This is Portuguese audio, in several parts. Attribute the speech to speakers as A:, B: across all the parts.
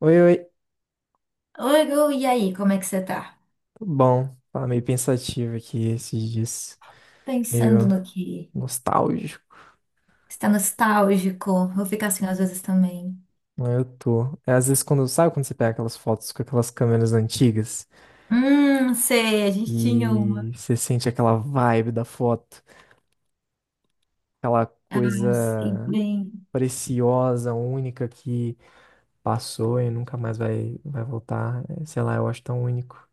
A: Oi, oi.
B: Oi, Gu, e aí, como é que você tá?
A: Tudo bom? Tava meio pensativo aqui esses dias.
B: Pensando
A: Meio
B: no que
A: nostálgico.
B: está nostálgico, eu fico assim às vezes também.
A: Mas eu tô. É, às vezes quando, sabe quando você pega aquelas fotos com aquelas câmeras antigas
B: Sei, a gente tinha umas,
A: e você sente aquela vibe da foto, aquela
B: sei
A: coisa
B: bem.
A: preciosa, única que passou e nunca mais vai voltar. É, sei lá, eu acho tão único.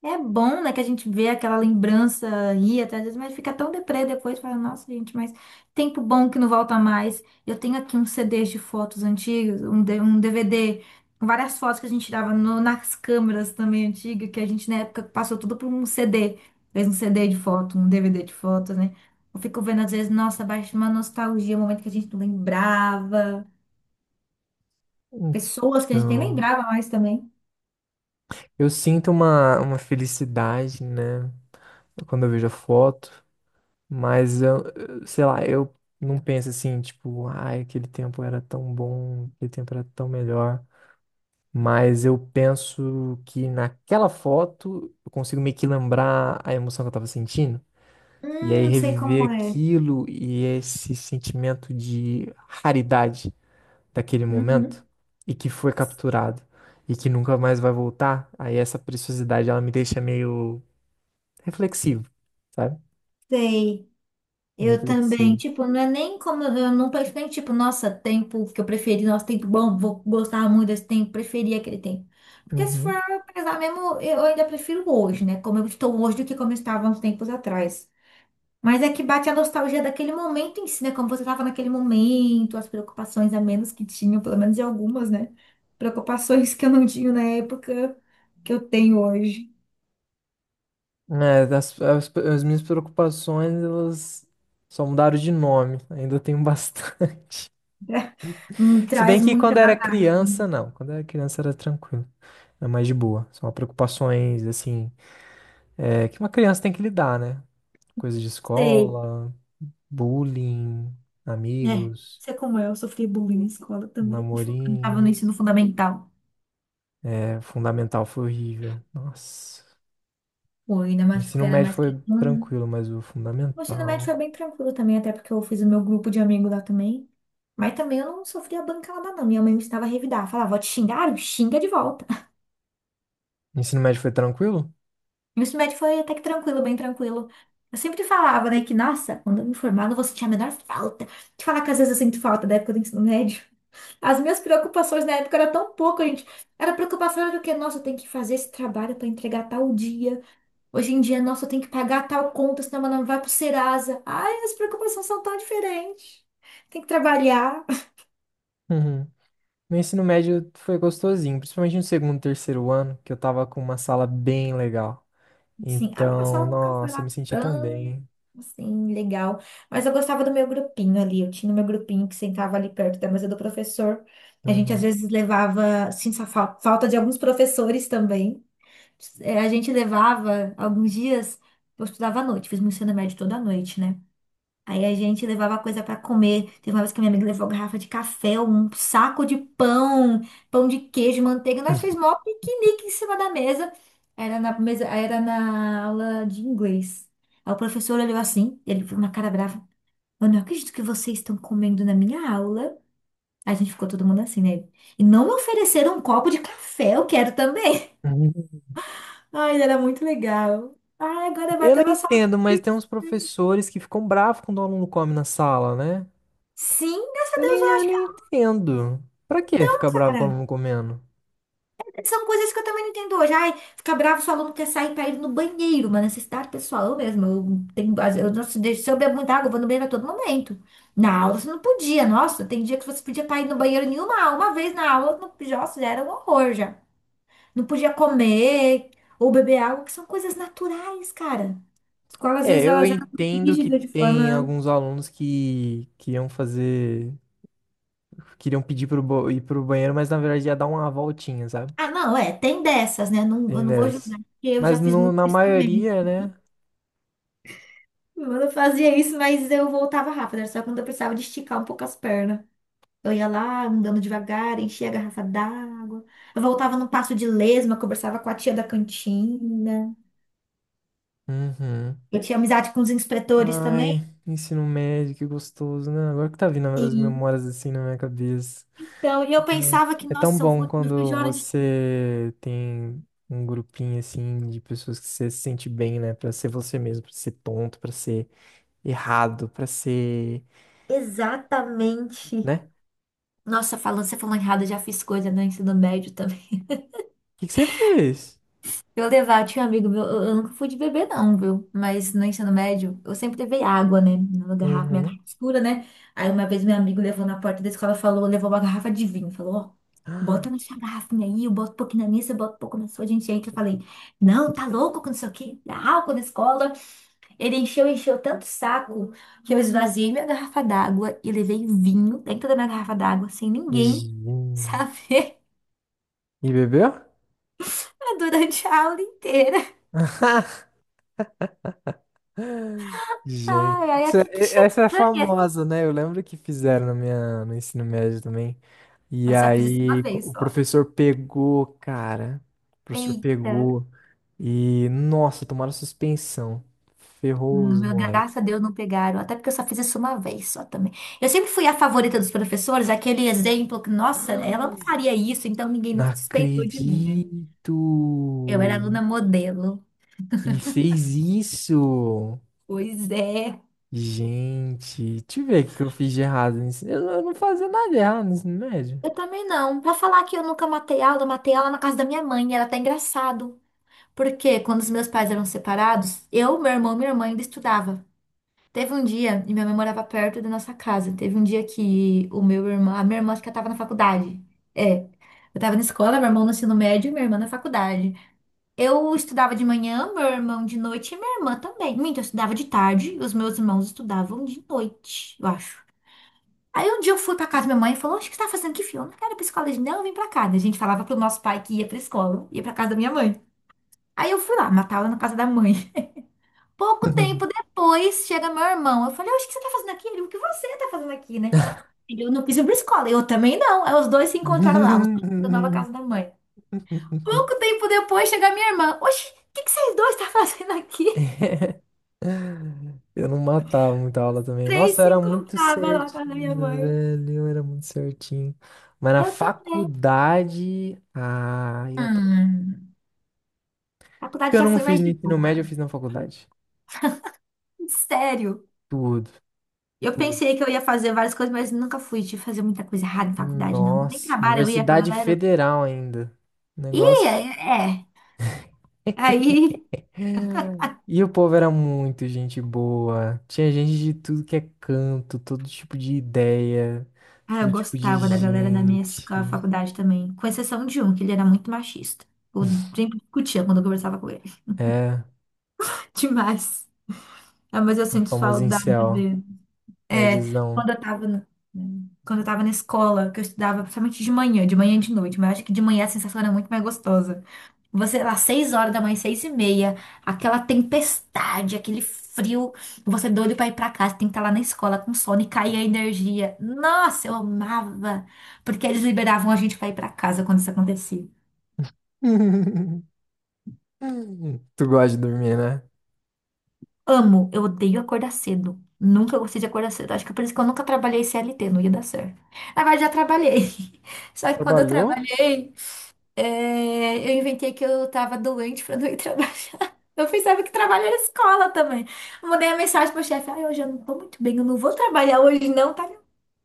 B: É bom, né, que a gente vê aquela lembrança aí, até às vezes, mas fica tão deprê depois, fala, nossa, gente, mas tempo bom que não volta mais. Eu tenho aqui uns CDs de fotos antigas, um DVD, com várias fotos que a gente tirava nas câmeras também antigas, que a gente na época passou tudo por um CD, fez um CD de foto, um DVD de foto, né? Eu fico vendo às vezes, nossa, baixa uma nostalgia, um momento que a gente não lembrava, pessoas que a gente nem
A: Então,
B: lembrava mais também.
A: eu sinto uma felicidade, né? Quando eu vejo a foto. Mas sei lá, eu não penso assim, tipo, ai, aquele tempo era tão bom, aquele tempo era tão melhor. Mas eu penso que naquela foto eu consigo meio que lembrar a emoção que eu tava sentindo. E aí
B: Sei
A: reviver
B: como é.
A: aquilo e esse sentimento de raridade daquele momento
B: Uhum,
A: e que foi capturado e que nunca mais vai voltar. Aí essa preciosidade ela me deixa meio reflexivo, sabe?
B: sei.
A: Meio
B: Eu também,
A: reflexivo.
B: tipo, não é nem como eu não penso nem tipo, nossa, tempo que eu preferi, nossa, tempo bom, vou gostar muito desse tempo, preferi aquele tempo. Porque se for
A: Uhum.
B: pesar mesmo, eu ainda prefiro hoje, né? Como eu estou hoje do que como eu estava uns tempos atrás. Mas é que bate a nostalgia daquele momento em si, né? Como você estava naquele momento, as preocupações a menos que tinham, pelo menos de algumas, né? Preocupações que eu não tinha na época que eu tenho hoje.
A: As minhas preocupações, elas só mudaram de nome. Ainda tenho bastante. Se bem
B: Traz
A: que
B: muita
A: quando era criança,
B: bagagem.
A: não. Quando era criança era tranquilo. Era mais de boa. São preocupações, assim, que uma criança tem que lidar, né? Coisa de
B: Sei.
A: escola, bullying,
B: É,
A: amigos,
B: você como é, sofri bullying na escola também. Quando tava no ensino
A: namorinhos.
B: fundamental.
A: É, fundamental foi horrível. Nossa.
B: Pô, ainda
A: O
B: mais
A: ensino
B: porque era
A: médio
B: mais
A: foi
B: quietona.
A: tranquilo, mas o
B: O ensino médio
A: fundamental.
B: foi bem tranquilo também, até porque eu fiz o meu grupo de amigos lá também. Mas também eu não sofria bancada, não. Minha mãe me estava a revidar. Falava, vou te xingar, xinga de volta.
A: O ensino médio foi tranquilo?
B: Meu ensino médio foi até que tranquilo, bem tranquilo. Eu sempre falava, né, que, nossa, quando eu me formar, eu não vou sentir a menor falta. Te falar que às vezes eu sinto falta da época do ensino médio. As minhas preocupações na época eram tão pouco, gente. Era preocupação do que, nossa, eu tenho que fazer esse trabalho para entregar tal dia. Hoje em dia, nossa, eu tenho que pagar tal conta, senão meu nome vai pro Serasa. Ai, as preocupações são tão diferentes. Tem que trabalhar.
A: Meu ensino médio foi gostosinho, principalmente no segundo, terceiro ano, que eu tava com uma sala bem legal.
B: Sim, a minha
A: Então,
B: sala nunca foi
A: nossa, eu me
B: lá.
A: sentia tão bem.
B: Sim, legal. Mas eu gostava do meu grupinho ali. Eu tinha o meu grupinho que sentava ali perto da mesa do professor. A gente às
A: Uhum.
B: vezes levava, sim, só falta de alguns professores também. É, a gente levava alguns dias, eu estudava à noite, fiz meu ensino médio toda noite, né? Aí a gente levava coisa pra comer. Teve uma vez que minha amiga levou garrafa de café, um saco de pão, pão de queijo, manteiga. Nós fez mó piquenique em cima da mesa. Era na mesa, era na aula de inglês. Aí o professor olhou assim, ele foi com uma cara brava. Eu não acredito que vocês estão comendo na minha aula. A gente ficou todo mundo assim, né? E não me ofereceram um copo de café, eu quero também.
A: Uhum.
B: Ai, era muito legal. Ai, agora
A: Eu não
B: bateu uma
A: entendo,
B: saudade.
A: mas tem uns professores que ficam bravos quando o aluno come na sala, né?
B: Sim, graças a
A: Eu
B: Deus,
A: nem,
B: eu
A: eu
B: acho,
A: nem entendo. Pra que ficar bravo com o
B: cara.
A: aluno comendo?
B: São coisas que eu também não entendo hoje. Ai, fica bravo se o aluno quer sair para ir no banheiro, uma necessidade pessoal. Eu mesmo, eu tenho, não se eu bebo muita água, eu vou no banheiro a todo momento. Na aula você não podia, nossa, tem dia que você podia para ir no banheiro nenhuma aula. Uma vez na aula, no, nossa, já era um horror já. Não podia comer ou beber água, que são coisas naturais, cara. Escola, às
A: É,
B: vezes,
A: eu
B: elas eram muito
A: entendo que
B: rígidas de
A: tem
B: forma.
A: alguns alunos que iam fazer, queriam pedir pro, ir pro banheiro, mas na verdade ia dar uma voltinha, sabe?
B: Ah, não, é, tem dessas, né? Não, eu
A: Tem
B: não vou
A: dessa.
B: julgar, porque eu já
A: Mas
B: fiz
A: no,
B: muito
A: na
B: isso também.
A: maioria, né?
B: Eu fazia isso, mas eu voltava rápido, era só quando eu precisava de esticar um pouco as pernas. Eu ia lá, andando devagar, enchia a garrafa d'água. Eu voltava num passo de lesma, conversava com a tia da cantina.
A: Uhum.
B: Eu tinha amizade com os inspetores
A: Ai,
B: também.
A: ensino médio, que gostoso, né? Agora que tá vindo as
B: Sim.
A: memórias assim na minha cabeça.
B: Então, e eu pensava que,
A: É tão
B: nossa, eu
A: bom
B: vou no fim
A: quando
B: de hora de...
A: você tem um grupinho assim de pessoas que você se sente bem, né? Pra ser você mesmo, pra ser tonto, pra ser errado, pra ser,
B: Exatamente.
A: né? O
B: Nossa, falando, você falou errado, eu já fiz coisa no ensino médio também.
A: que que você fez?
B: Eu levar, tinha um amigo meu, eu nunca fui de beber não, viu? Mas no ensino médio, eu sempre levei água, né? Na garrafa, minha
A: Uhum.
B: garrafa escura, né? Aí uma vez meu amigo levou na porta da escola, falou, levou uma garrafa de vinho, falou, ó, bota
A: Ah,
B: na sua garrafinha aí, eu boto um pouquinho na minha, você bota um pouco na sua, a gente entra. Eu falei, não, tá louco, que não sei o quê, dá álcool na escola. Ele encheu tanto o saco, que eu esvaziei minha garrafa d'água e levei vinho dentro da minha garrafa d'água, sem ninguém
A: gin.
B: saber,
A: E bebeu?
B: durante a aula inteira. Ai,
A: Gente,
B: ai, que cheiro
A: essa é
B: estranho.
A: famosa, né? Eu lembro que fizeram na minha, no ensino médio também. E
B: Mas só fiz isso uma
A: aí
B: vez
A: o
B: só.
A: professor pegou, cara. O professor
B: Eita,
A: pegou e, nossa, tomaram suspensão. Ferrou
B: no
A: os
B: meu,
A: moleques.
B: graças a Deus não pegaram. Até porque eu só fiz isso uma vez só também. Eu sempre fui a favorita dos professores, aquele exemplo que, nossa, ela não faria isso, então ninguém
A: Não
B: nunca suspeitou de mim, né?
A: acredito!
B: Eu era aluna modelo.
A: E fez isso!
B: Pois é.
A: Gente, deixa eu ver o que que eu fiz de errado Eu não fazia nada de errado no ensino médio.
B: Eu também não. Pra falar que eu nunca matei aula, eu matei aula na casa da minha mãe. Era até engraçado. Porque quando os meus pais eram separados, eu, meu irmão e minha irmã ainda estudavam. Teve um dia, e minha mãe morava perto da nossa casa. Teve um dia que o meu irmão, a minha irmã acho que estava na faculdade. É, eu tava na escola, meu irmão no ensino médio e minha irmã na faculdade. Eu estudava de manhã, meu irmão de noite e minha irmã também. Minto, eu estudava de tarde, e os meus irmãos estudavam de noite, eu acho. Aí um dia eu fui pra casa da minha mãe e falou: "Oxe, o que você tá fazendo aqui, filho? Eu não quero ir pra escola hoje, não, eu vim pra cá." Daí a gente falava pro nosso pai que ia pra escola, ia pra casa da minha mãe. Aí eu fui lá, matava na casa da mãe. Pouco tempo depois chega meu irmão. Eu falei, "Oxe, o que você tá fazendo aqui?" Ele, o que você tá fazendo aqui, né? Ele, eu não quis ir pra escola. Eu também não. Aí os dois se encontraram lá, os dois na nova casa da mãe. Pouco tempo depois chega minha irmã. Oxi, o que que vocês dois tá fazendo aqui?
A: Eu não matava muita aula também.
B: Três
A: Nossa, eu
B: se
A: era muito
B: encontravam lá na casa da minha
A: certinho,
B: mãe.
A: velho. Eu era muito certinho. Mas na
B: Eu também.
A: faculdade. Ah, eu aproveitei.
B: Hum,
A: Porque
B: faculdade
A: eu
B: já
A: não
B: foi
A: fiz
B: mais
A: no
B: de
A: ensino médio, eu
B: boa.
A: fiz na faculdade.
B: Sério.
A: Tudo,
B: Eu
A: tudo.
B: pensei que eu ia fazer várias coisas, mas nunca fui de fazer muita coisa errada em faculdade, não. Nem
A: Nossa,
B: trabalho eu ia com a
A: Universidade
B: galera.
A: Federal ainda.
B: E é.
A: Negócio.
B: É. Aí
A: E o povo era muito gente boa. Tinha gente de tudo que é canto, todo tipo de ideia,
B: ah, eu
A: todo tipo de
B: gostava da galera na minha
A: gente.
B: faculdade também, com exceção de um, que ele era muito machista. Eu sempre discutia quando eu conversava com ele.
A: É,
B: Demais. Ah, mas eu sinto
A: famoso
B: saudade
A: incel,
B: dele. É,
A: nerdzão.
B: quando eu tava, na- quando eu tava na escola, que eu estudava principalmente de manhã e de noite, mas eu acho que de manhã a sensação era muito mais gostosa. Você lá, 6 horas da manhã, 6 e meia, aquela tempestade, aquele frio, você é doido pra ir pra casa, tem que estar lá na escola com sono e cair a energia. Nossa, eu amava! Porque eles liberavam a gente pra ir pra casa quando isso acontecia.
A: Tu gosta de dormir, né?
B: Amo, eu odeio acordar cedo. Nunca gostei de acordar cedo. Acho que é por isso que eu nunca trabalhei CLT, não ia dar certo. Na verdade, já trabalhei. Só que quando eu
A: Trabalhou?
B: trabalhei, é, eu inventei que eu tava doente pra não ir trabalhar. Eu pensava que trabalho era escola também. Eu mandei a mensagem pro chefe: ai, hoje eu não tô muito bem, eu não vou trabalhar hoje, não. Tá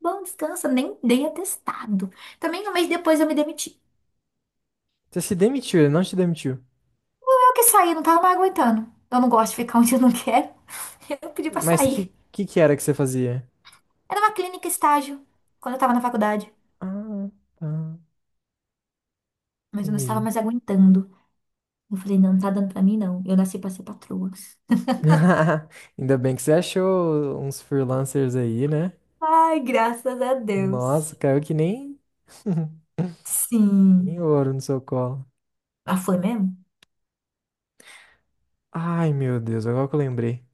B: bom, descansa, nem dei atestado. Também 1 mês depois eu me demiti.
A: Você se demitiu, ele não te demitiu.
B: Eu que saí, não tava mais aguentando. Eu não gosto de ficar onde eu não quero. Eu pedi pra
A: Mas
B: sair.
A: que era que você fazia?
B: Era uma clínica estágio, quando eu tava na faculdade,
A: Ah, tá,
B: mas eu não estava
A: entendi.
B: mais aguentando. Eu falei: não, não tá dando pra mim, não. Eu nasci pra ser patroa.
A: Ainda bem que você achou uns freelancers aí, né?
B: Ai, graças a
A: Nossa,
B: Deus.
A: caiu que nem, nem
B: Sim.
A: ouro no seu colo.
B: Ah, foi mesmo?
A: Ai, meu Deus, agora que eu lembrei.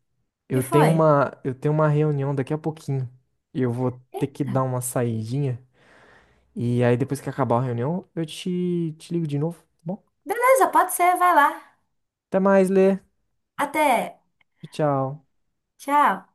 B: Que
A: Eu tenho
B: foi?
A: uma, eu tenho uma reunião daqui a pouquinho. E eu vou ter que dar uma saidinha. E aí, depois que acabar a reunião, eu te ligo de novo, tá bom?
B: Beleza, pode ser, vai lá.
A: Até mais, Lê.
B: Até.
A: Tchau.
B: Tchau.